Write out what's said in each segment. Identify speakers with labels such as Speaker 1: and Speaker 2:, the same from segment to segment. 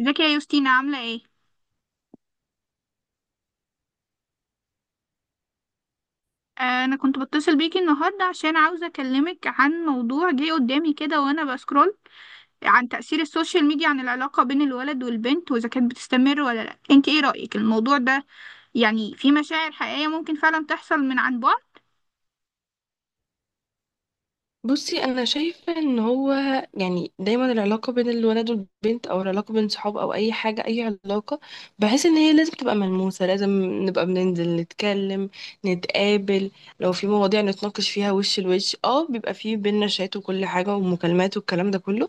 Speaker 1: ازيك يا يوستينا، عاملة ايه؟ انا كنت بتصل بيكي النهاردة عشان عاوزة اكلمك عن موضوع جه قدامي كده وانا بسكرول عن تأثير السوشيال ميديا، عن العلاقة بين الولد والبنت، واذا كانت بتستمر ولا لا. انت ايه رأيك الموضوع ده؟ يعني في مشاعر حقيقية ممكن فعلا تحصل من عن بعد؟
Speaker 2: بصي، انا شايفه ان هو يعني دايما العلاقه بين الولد والبنت، او العلاقه بين صحاب، او اي حاجه، اي علاقه، بحس ان هي لازم تبقى ملموسه. لازم نبقى بننزل نتكلم، نتقابل. لو في مواضيع نتناقش فيها وش لوش، اه بيبقى في بينا شات وكل حاجه ومكالمات والكلام ده كله.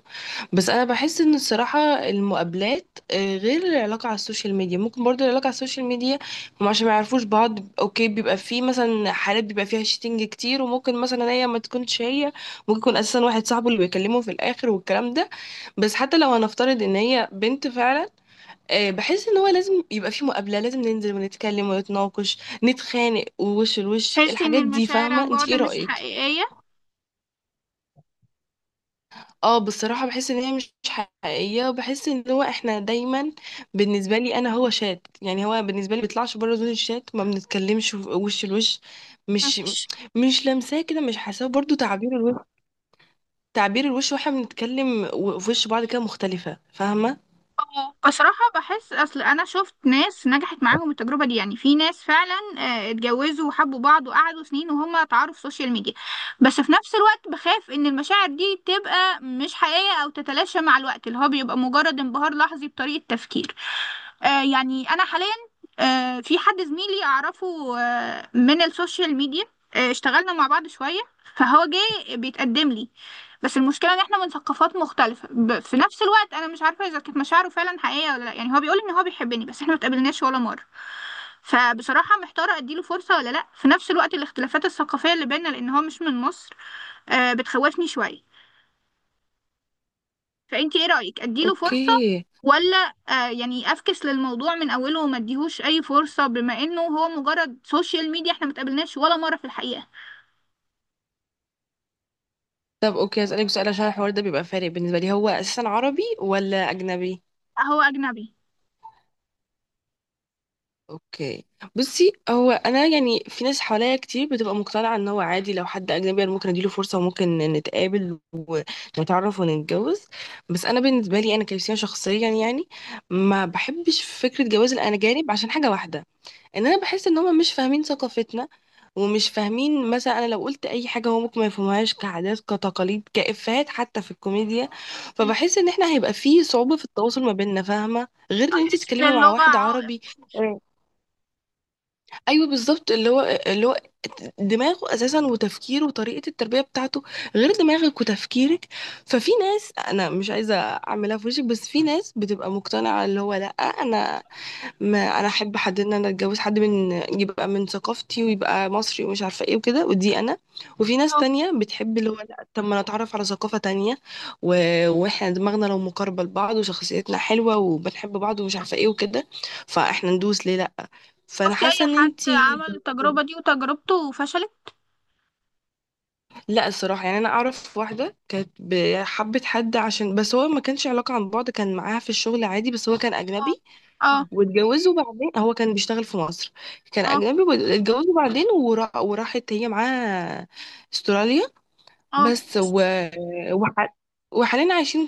Speaker 2: بس انا بحس ان الصراحه، المقابلات، غير العلاقه على السوشيال ميديا. ممكن برضو العلاقه على السوشيال ميديا هم عشان ما يعرفوش بعض، اوكي، بيبقى في مثلا حالات بيبقى فيها شيتنج كتير، وممكن مثلا هي ما تكونش هي، ممكن يكون اساسا واحد صاحبه اللي بيكلمه في الاخر والكلام ده. بس حتى لو هنفترض ان هي بنت فعلا، بحس ان هو لازم يبقى في مقابله، لازم ننزل ونتكلم ونتناقش، نتخانق ووش لوش
Speaker 1: تحسي ان
Speaker 2: الحاجات دي.
Speaker 1: المشاعر عن
Speaker 2: فاهمه، انت
Speaker 1: بعد
Speaker 2: ايه
Speaker 1: مش
Speaker 2: رايك؟
Speaker 1: حقيقية؟
Speaker 2: اه بصراحه بحس ان هي مش حقيقيه، وبحس ان هو احنا دايما بالنسبه لي انا، هو شات. يعني هو بالنسبه لي بيطلعش بره زون الشات، ما بنتكلمش وش لوش،
Speaker 1: مم.
Speaker 2: مش مش لمساه كده، مش حاساه، برضو تعبير الوش واحنا بنتكلم في وش بعض كده مختلفة. فاهمة؟
Speaker 1: بصراحة بحس، أصل أنا شفت ناس نجحت معاهم التجربة دي. يعني في ناس فعلا اتجوزوا وحبوا بعض وقعدوا سنين وهم اتعاروا في سوشيال ميديا. بس في نفس الوقت بخاف إن المشاعر دي تبقى مش حقيقية أو تتلاشى مع الوقت، اللي هو بيبقى مجرد انبهار لحظي بطريقة تفكير. يعني أنا حاليا، في حد زميلي أعرفه من السوشيال ميديا. اشتغلنا مع بعض شوية، فهو جه بيتقدم لي. بس المشكلة ان احنا من ثقافات مختلفة. في نفس الوقت انا مش عارفة اذا كانت مشاعره فعلا حقيقية ولا لا. يعني هو بيقول ان هو بيحبني بس احنا ما اتقابلناش ولا مرة. فبصراحة محتارة اديله فرصة ولا لا. في نفس الوقت الاختلافات الثقافية اللي بيننا، لان هو مش من مصر، بتخوفني شوية. فانتي ايه رأيك، اديله فرصة،
Speaker 2: اوكي.
Speaker 1: ولا يعني افكس للموضوع من اوله وما اديهوش اي فرصة، بما انه هو مجرد سوشيال ميديا، احنا ما اتقابلناش ولا مرة في الحقيقة؟
Speaker 2: طب اوكي، هسألك سؤال عشان الحوار ده بيبقى فارق بالنسبة لي. هو اساسا عربي ولا اجنبي؟
Speaker 1: هو اجنبي.
Speaker 2: اوكي. بصي، هو انا يعني في ناس حواليا كتير بتبقى مقتنعة ان هو عادي لو حد اجنبي، انا ممكن اديله فرصة وممكن نتقابل ونتعرف ونتجوز. بس انا بالنسبة لي انا كريستيان شخصيا، يعني ما بحبش فكرة جواز الاجانب عشان حاجة واحدة. ان انا بحس ان هم مش فاهمين ثقافتنا، ومش فاهمين مثلا انا لو قلت اي حاجه هو ممكن ما يفهمهاش، كعادات، كتقاليد، كافيهات، حتى في الكوميديا. فبحس ان احنا هيبقى فيه صعوبه في التواصل ما بيننا، فاهمه، غير ان انت
Speaker 1: تحس ان
Speaker 2: تتكلمي مع
Speaker 1: اللغة
Speaker 2: واحد
Speaker 1: عائق؟
Speaker 2: عربي. مم. ايوه بالظبط. اللي هو دماغه اساسا وتفكيره وطريقه التربيه بتاعته غير دماغك وتفكيرك. ففي ناس انا مش عايزه اعملها في وشك، بس في ناس بتبقى مقتنعه اللي هو لا، انا ما انا احب حد ان انا اتجوز حد من، يبقى من ثقافتي ويبقى مصري ومش عارفه ايه وكده، ودي انا. وفي ناس تانية بتحب اللي هو لا، طب ما نتعرف على ثقافه تانية و... واحنا دماغنا لو مقاربه لبعض وشخصيتنا حلوه وبنحب بعض ومش عارفه ايه وكده، فاحنا ندوس ليه؟ لا. فانا
Speaker 1: شفتي اي
Speaker 2: حاسه ان
Speaker 1: حد
Speaker 2: انتي،
Speaker 1: عمل التجربة دي وتجربته وفشلت؟
Speaker 2: لا الصراحه يعني انا اعرف واحده كانت حبت حد عشان، بس هو ما كانش علاقه عن بعد، كان معاها في الشغل عادي، بس هو كان
Speaker 1: اه.
Speaker 2: اجنبي.
Speaker 1: اه.
Speaker 2: طب واتجوزوا بعدين. هو كان بيشتغل في مصر، كان
Speaker 1: اه.
Speaker 2: أجنبي واتجوزوا بعدين وراحت هي معاه استراليا.
Speaker 1: اه.
Speaker 2: بس وح... وحاليا عايشين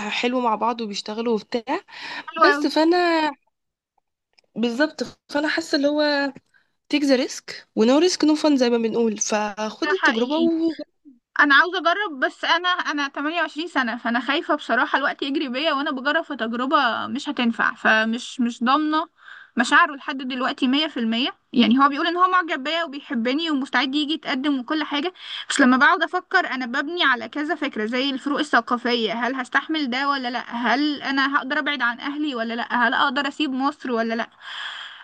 Speaker 2: حلو مع بعض وبيشتغلوا وبتاع.
Speaker 1: حلو اوي.
Speaker 2: بس فأنا، بالظبط، فأنا حاسة اللي هو تيك ذا ريسك ونو ريسك نو فان زي ما بنقول.
Speaker 1: ده
Speaker 2: فخدي التجربة
Speaker 1: حقيقي. انا عاوزة اجرب، بس انا 28 سنة، فانا خايفة بصراحة الوقت يجري بيا وانا بجرب في تجربة مش هتنفع. فمش مش ضامنة مشاعره لحد دلوقتي 100%. يعني هو بيقول ان هو معجب بيا وبيحبني ومستعد يجي يتقدم وكل حاجة. مش لما بقعد افكر، انا ببني على كذا فكرة، زي الفروق الثقافية. هل هستحمل ده ولا لا؟ هل انا هقدر ابعد عن اهلي ولا لا؟ هل اقدر اسيب مصر ولا لا؟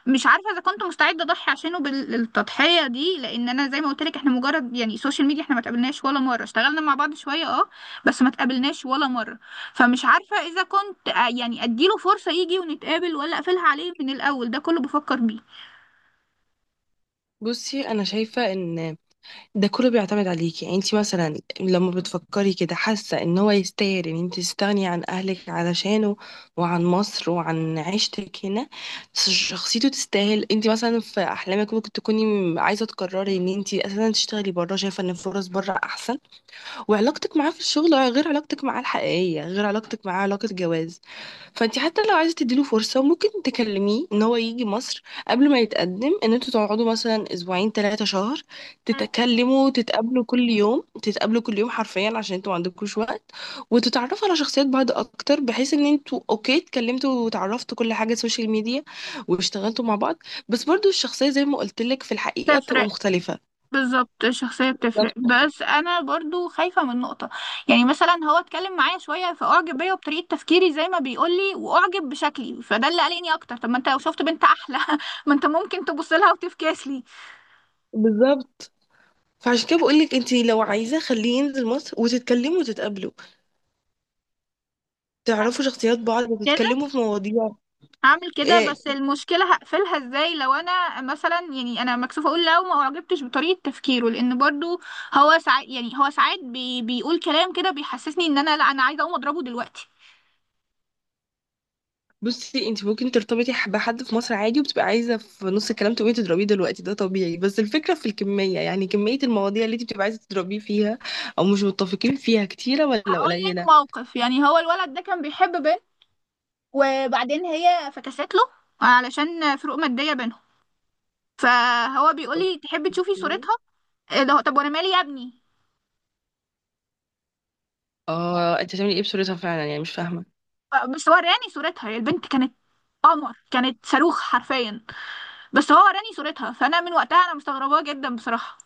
Speaker 1: مش عارفة اذا كنت مستعدة اضحي عشانه بالتضحية دي، لان انا زي ما قلت لك احنا مجرد يعني سوشيال ميديا. احنا ما تقابلناش ولا مرة. اشتغلنا مع بعض شوية، اه، بس ما تقابلناش ولا مرة. فمش عارفة اذا كنت يعني اديله فرصة يجي ونتقابل، ولا اقفلها عليه من الاول. ده كله بفكر بيه.
Speaker 2: بصي أنا شايفة إن ده كله بيعتمد عليكي. يعني انت مثلا لما بتفكري كده، حاسه ان هو يستاهل ان انت تستغني عن اهلك علشانه وعن مصر وعن عيشتك هنا؟ بس شخصيته تستاهل؟ انت مثلا في احلامك ممكن تكوني عايزه تقرري ان انت اساسا تشتغلي بره، شايفه ان الفرص بره احسن. وعلاقتك معاه في الشغل غير علاقتك معاه الحقيقية، غير علاقتك معاه علاقة جواز. فانت حتى لو عايزة تديله فرصة، ممكن تكلميه ان هو يجي مصر قبل ما يتقدم، ان انتوا تقعدوا مثلا اسبوعين 3 شهر،
Speaker 1: مم.
Speaker 2: تتكلموا، تتقابلوا كل يوم، تتقابلوا كل يوم حرفيا عشان انتوا ما عندكوش وقت، وتتعرفوا على شخصيات بعض اكتر، بحيث ان انتوا اوكي اتكلمتوا وتعرفتوا كل حاجة سوشيال ميديا واشتغلتوا مع بعض. بس برضو الشخصية زي ما قلت لك، في الحقيقة بتبقى
Speaker 1: تفرق.
Speaker 2: مختلفة.
Speaker 1: بالظبط الشخصية
Speaker 2: بالظبط
Speaker 1: بتفرق، بس أنا برضو خايفة من نقطة. يعني مثلا هو اتكلم معايا شوية فأعجب بيا وبطريقة تفكيري زي ما بيقولي وأعجب بشكلي. فده اللي قلقني أكتر. طب ما أنت لو شفت بنت أحلى ما أنت ممكن تبص لها وتفكاس لي.
Speaker 2: بالظبط. فعشان كده بقولك، انت لو عايزة خليه ينزل مصر وتتكلموا وتتقابلوا، تعرفوا شخصيات بعض
Speaker 1: كده
Speaker 2: وتتكلموا في مواضيع.
Speaker 1: هعمل كده،
Speaker 2: اه،
Speaker 1: بس المشكلة هقفلها إزاي لو أنا مثلا، يعني أنا مكسوفة أقول لو ما أعجبتش بطريقة تفكيره، لأن برضو هو ساعات، بيقول كلام كده بيحسسني إن أنا لا، أنا عايزة أقوم أضربه دلوقتي.
Speaker 2: بصي انت ممكن ترتبطي بحد في مصر عادي وبتبقى عايزة في نص الكلام تقومي تضربيه دلوقتي، ده طبيعي. بس الفكرة في الكمية، يعني كمية المواضيع اللي انت بتبقى عايزة تضربيه فيها او مش متفقين فيها، كتيرة ولا
Speaker 1: هقول لك
Speaker 2: قليلة.
Speaker 1: موقف. يعني هو الولد ده كان بيحب بنت، وبعدين هي فكست له علشان فروق مادية بينهم. فهو بيقول لي، تحبي تشوفي صورتها؟ إيه ده؟ طب وانا مالي يا ابني؟
Speaker 2: اه، انت هتعملي ايه بصورتها فعلا؟ يعني مش فاهمة.
Speaker 1: بس هو وراني صورتها. هي البنت كانت قمر، كانت صاروخ حرفيا. بس هو وراني صورتها. فانا من وقتها انا مستغرباه جدا بصراحة.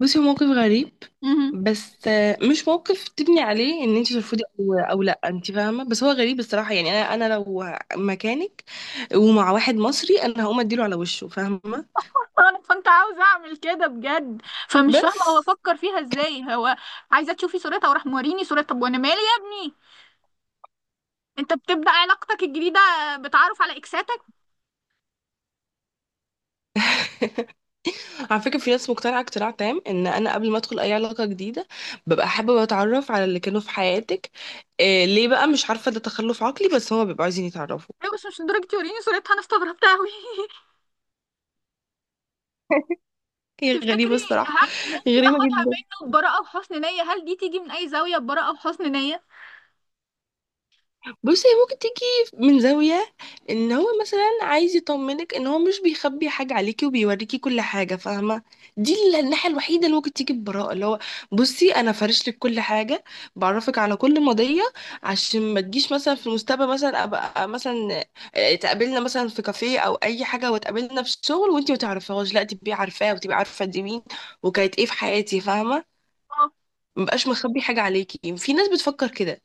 Speaker 2: بصي، هو موقف غريب.
Speaker 1: مهم.
Speaker 2: بس مش موقف تبني عليه ان انت ترفضي، او او لا انت فاهمه، بس هو غريب الصراحه. يعني انا لو مكانك ومع واحد مصري انا هقوم اديله على وشه، فاهمه.
Speaker 1: انا كنت عاوزة اعمل كده بجد. فمش فاهمة هو
Speaker 2: بس
Speaker 1: فكر فيها ازاي. هو عايزة تشوفي صورتها وراح موريني صورتها؟ طب وانا مالي يا ابني؟ انت بتبدأ علاقتك الجديدة بتعرف على اكساتك؟
Speaker 2: على فكره في ناس مقتنعه اقتناع تام، ان انا قبل ما ادخل اي علاقه جديده ببقى حابه اتعرف على اللي كانوا في حياتك. إيه ليه بقى؟ مش عارفه، ده تخلف عقلي، بس هما بيبقوا عايزين يتعرفوا.
Speaker 1: ايوه بس مش لدرجة يوريني صورتها. انا استغربت اوي
Speaker 2: هي
Speaker 1: تفتكري
Speaker 2: غريبه الصراحه،
Speaker 1: هل ممكن
Speaker 2: غريبه
Speaker 1: اخدها
Speaker 2: جدا.
Speaker 1: منه ببراءة وحسن نية؟ هل دي تيجي من اي زاوية ببراءة وحسن نية؟
Speaker 2: بصي هي ممكن تيجي من زاوية ان هو مثلا عايز يطمنك ان هو مش بيخبي حاجة عليكي وبيوريكي كل حاجة، فاهمة. دي الناحية الوحيدة اللي ممكن تيجي ببراءة، اللي هو بصي انا فارش لك كل حاجة، بعرفك على كل مضية عشان ما تجيش مثلا في المستقبل، مثلا ابقى مثلا تقابلنا مثلا في كافيه او اي حاجة وتقابلنا في الشغل وانتي ما تعرفيهاش، لا تبقي عارفاه وتبقي عارفة دي مين وكانت ايه في حياتي، فاهمة. مبقاش مخبي حاجة عليكي. في ناس بتفكر كده،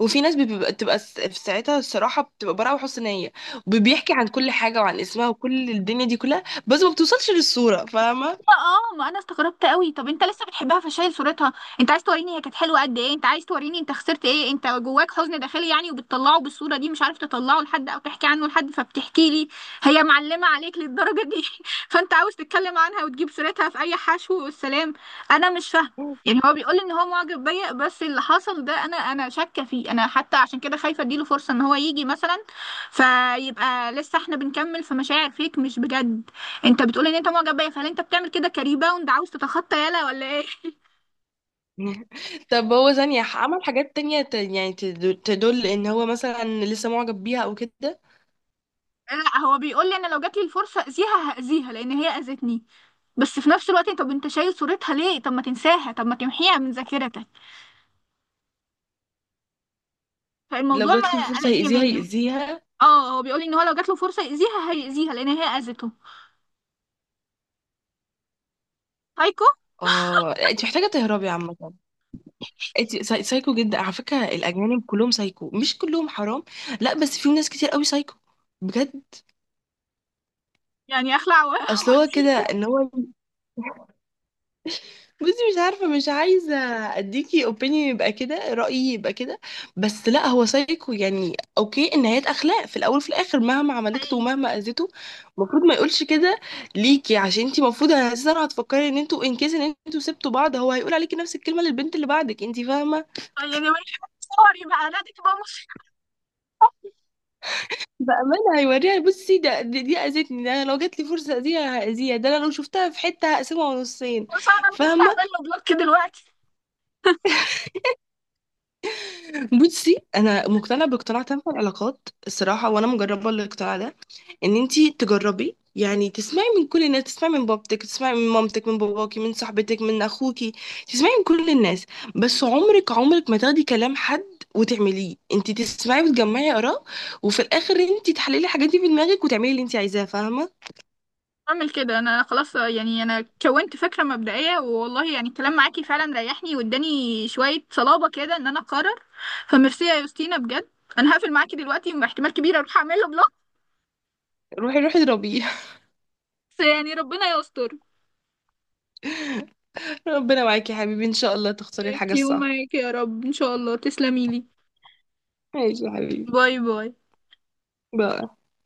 Speaker 2: وفي ناس بتبقى في ساعتها الصراحه بتبقى براءه وحسن نيه وبيحكي عن كل حاجه وعن اسمها وكل الدنيا دي كلها، بس ما بتوصلش للصوره، فاهمه.
Speaker 1: اه، ما انا استغربت قوي. طب انت لسه بتحبها فشايل صورتها؟ انت عايز توريني هي كانت حلوه قد ايه؟ انت عايز توريني انت خسرت ايه؟ انت جواك حزن داخلي يعني، وبتطلعه بالصوره دي؟ مش عارف تطلعه لحد او تحكي عنه لحد فبتحكي لي؟ هي معلمه عليك للدرجه دي؟ فانت عاوز تتكلم عنها وتجيب سيرتها في اي حشو والسلام. انا مش فاهمه. يعني هو بيقول ان هو معجب بيا، بس اللي حصل ده انا شاكه فيه. انا حتى عشان كده خايفه اديله فرصه ان هو يجي مثلا. فيبقى لسه احنا بنكمل في مشاعر فيك مش بجد. انت بتقول ان انت معجب بيا، فهل انت بتعمل كده كريباوند، عاوز تتخطى يالا، ولا ايه؟
Speaker 2: طب هو ثانيه عمل حاجات تانية يعني تدل ان هو مثلا لسه معجب بيها او كده؟
Speaker 1: لا هو بيقول لي، انا لو جات لي الفرصه اذيها هاذيها لان هي اذتني. بس في نفس الوقت، طب انت شايل صورتها ليه؟ طب ما تنساها؟ طب ما تمحيها من ذاكرتك؟
Speaker 2: لو
Speaker 1: فالموضوع
Speaker 2: جات له
Speaker 1: ما
Speaker 2: الفرصه
Speaker 1: قلقني
Speaker 2: هيأذيها
Speaker 1: منه.
Speaker 2: يأذيها.
Speaker 1: اه، هو بيقول لي ان هو لو جات له فرصه يأذيها هيأذيها لان هي اذته. هايكو.
Speaker 2: اه، انت محتاجه تهربي عامه. انت سايكو جدا. على فكره الاجانب كلهم سايكو، مش كلهم، حرام، لا، بس في ناس كتير قوي سايكو، بجد.
Speaker 1: يعني
Speaker 2: اصل هو كده
Speaker 1: واسيبه.
Speaker 2: ان هو بصي مش عارفة، مش عايزة اديكي اوبينيون يبقى كده رأيي يبقى كده. بس لا، هو سايكو يعني. اوكي، النهايات اخلاق في الاول وفي الاخر، مهما عملت له
Speaker 1: حقيقي.
Speaker 2: ومهما اذيته المفروض ما يقولش كده ليكي، عشان انتي المفروض اساسا هتفكري ان انتوا ان كيس ان انتوا سبتوا بعض، هو هيقول عليكي نفس الكلمة للبنت اللي بعدك، انتي فاهمة.
Speaker 1: طيب يعني سوري بقى، نادي تبقى مصيبه.
Speaker 2: بأمانة هيوريها. بصي، ده دي اذتني، ده انا لو جات لي فرصة اذيها هاذيها، ده انا لو شفتها في حتة هقسمها نصين،
Speaker 1: بس انا مش
Speaker 2: فاهمة.
Speaker 1: هعمل له بلوك دلوقتي.
Speaker 2: بصي انا مقتنعة باقتناع تام في العلاقات الصراحة، وانا مجربة الاقتناع ده، ان انتي تجربي. يعني تسمعي من كل الناس، تسمعي من بابتك، تسمعي من مامتك، من باباكي، من صاحبتك، من اخوكي، تسمعي من كل الناس، بس عمرك عمرك ما تاخدي كلام حد وتعمليه، انتي تسمعي وتجمعي اراء، وفي الاخر انتي تحللي الحاجات دي في دماغك وتعملي اللي انتي عايزاه، فاهمه.
Speaker 1: اعمل كده انا خلاص. يعني انا كونت فكره مبدئيه. والله يعني الكلام معاكي فعلا ريحني واداني شويه صلابه كده ان انا اقرر. فميرسي يا يوستينا بجد. انا هقفل معاكي دلوقتي واحتمال كبير اروح اعمل له بلوك.
Speaker 2: روحي روحي اضربيه.
Speaker 1: بس يعني ربنا يستر.
Speaker 2: ربنا معاكي يا حبيبي، ان شاء الله تختاري الحاجه
Speaker 1: انتي
Speaker 2: الصح.
Speaker 1: ومعاكي يا رب، ان شاء الله تسلمي لي.
Speaker 2: ماشي يا حبيبي.
Speaker 1: باي باي.
Speaker 2: باي.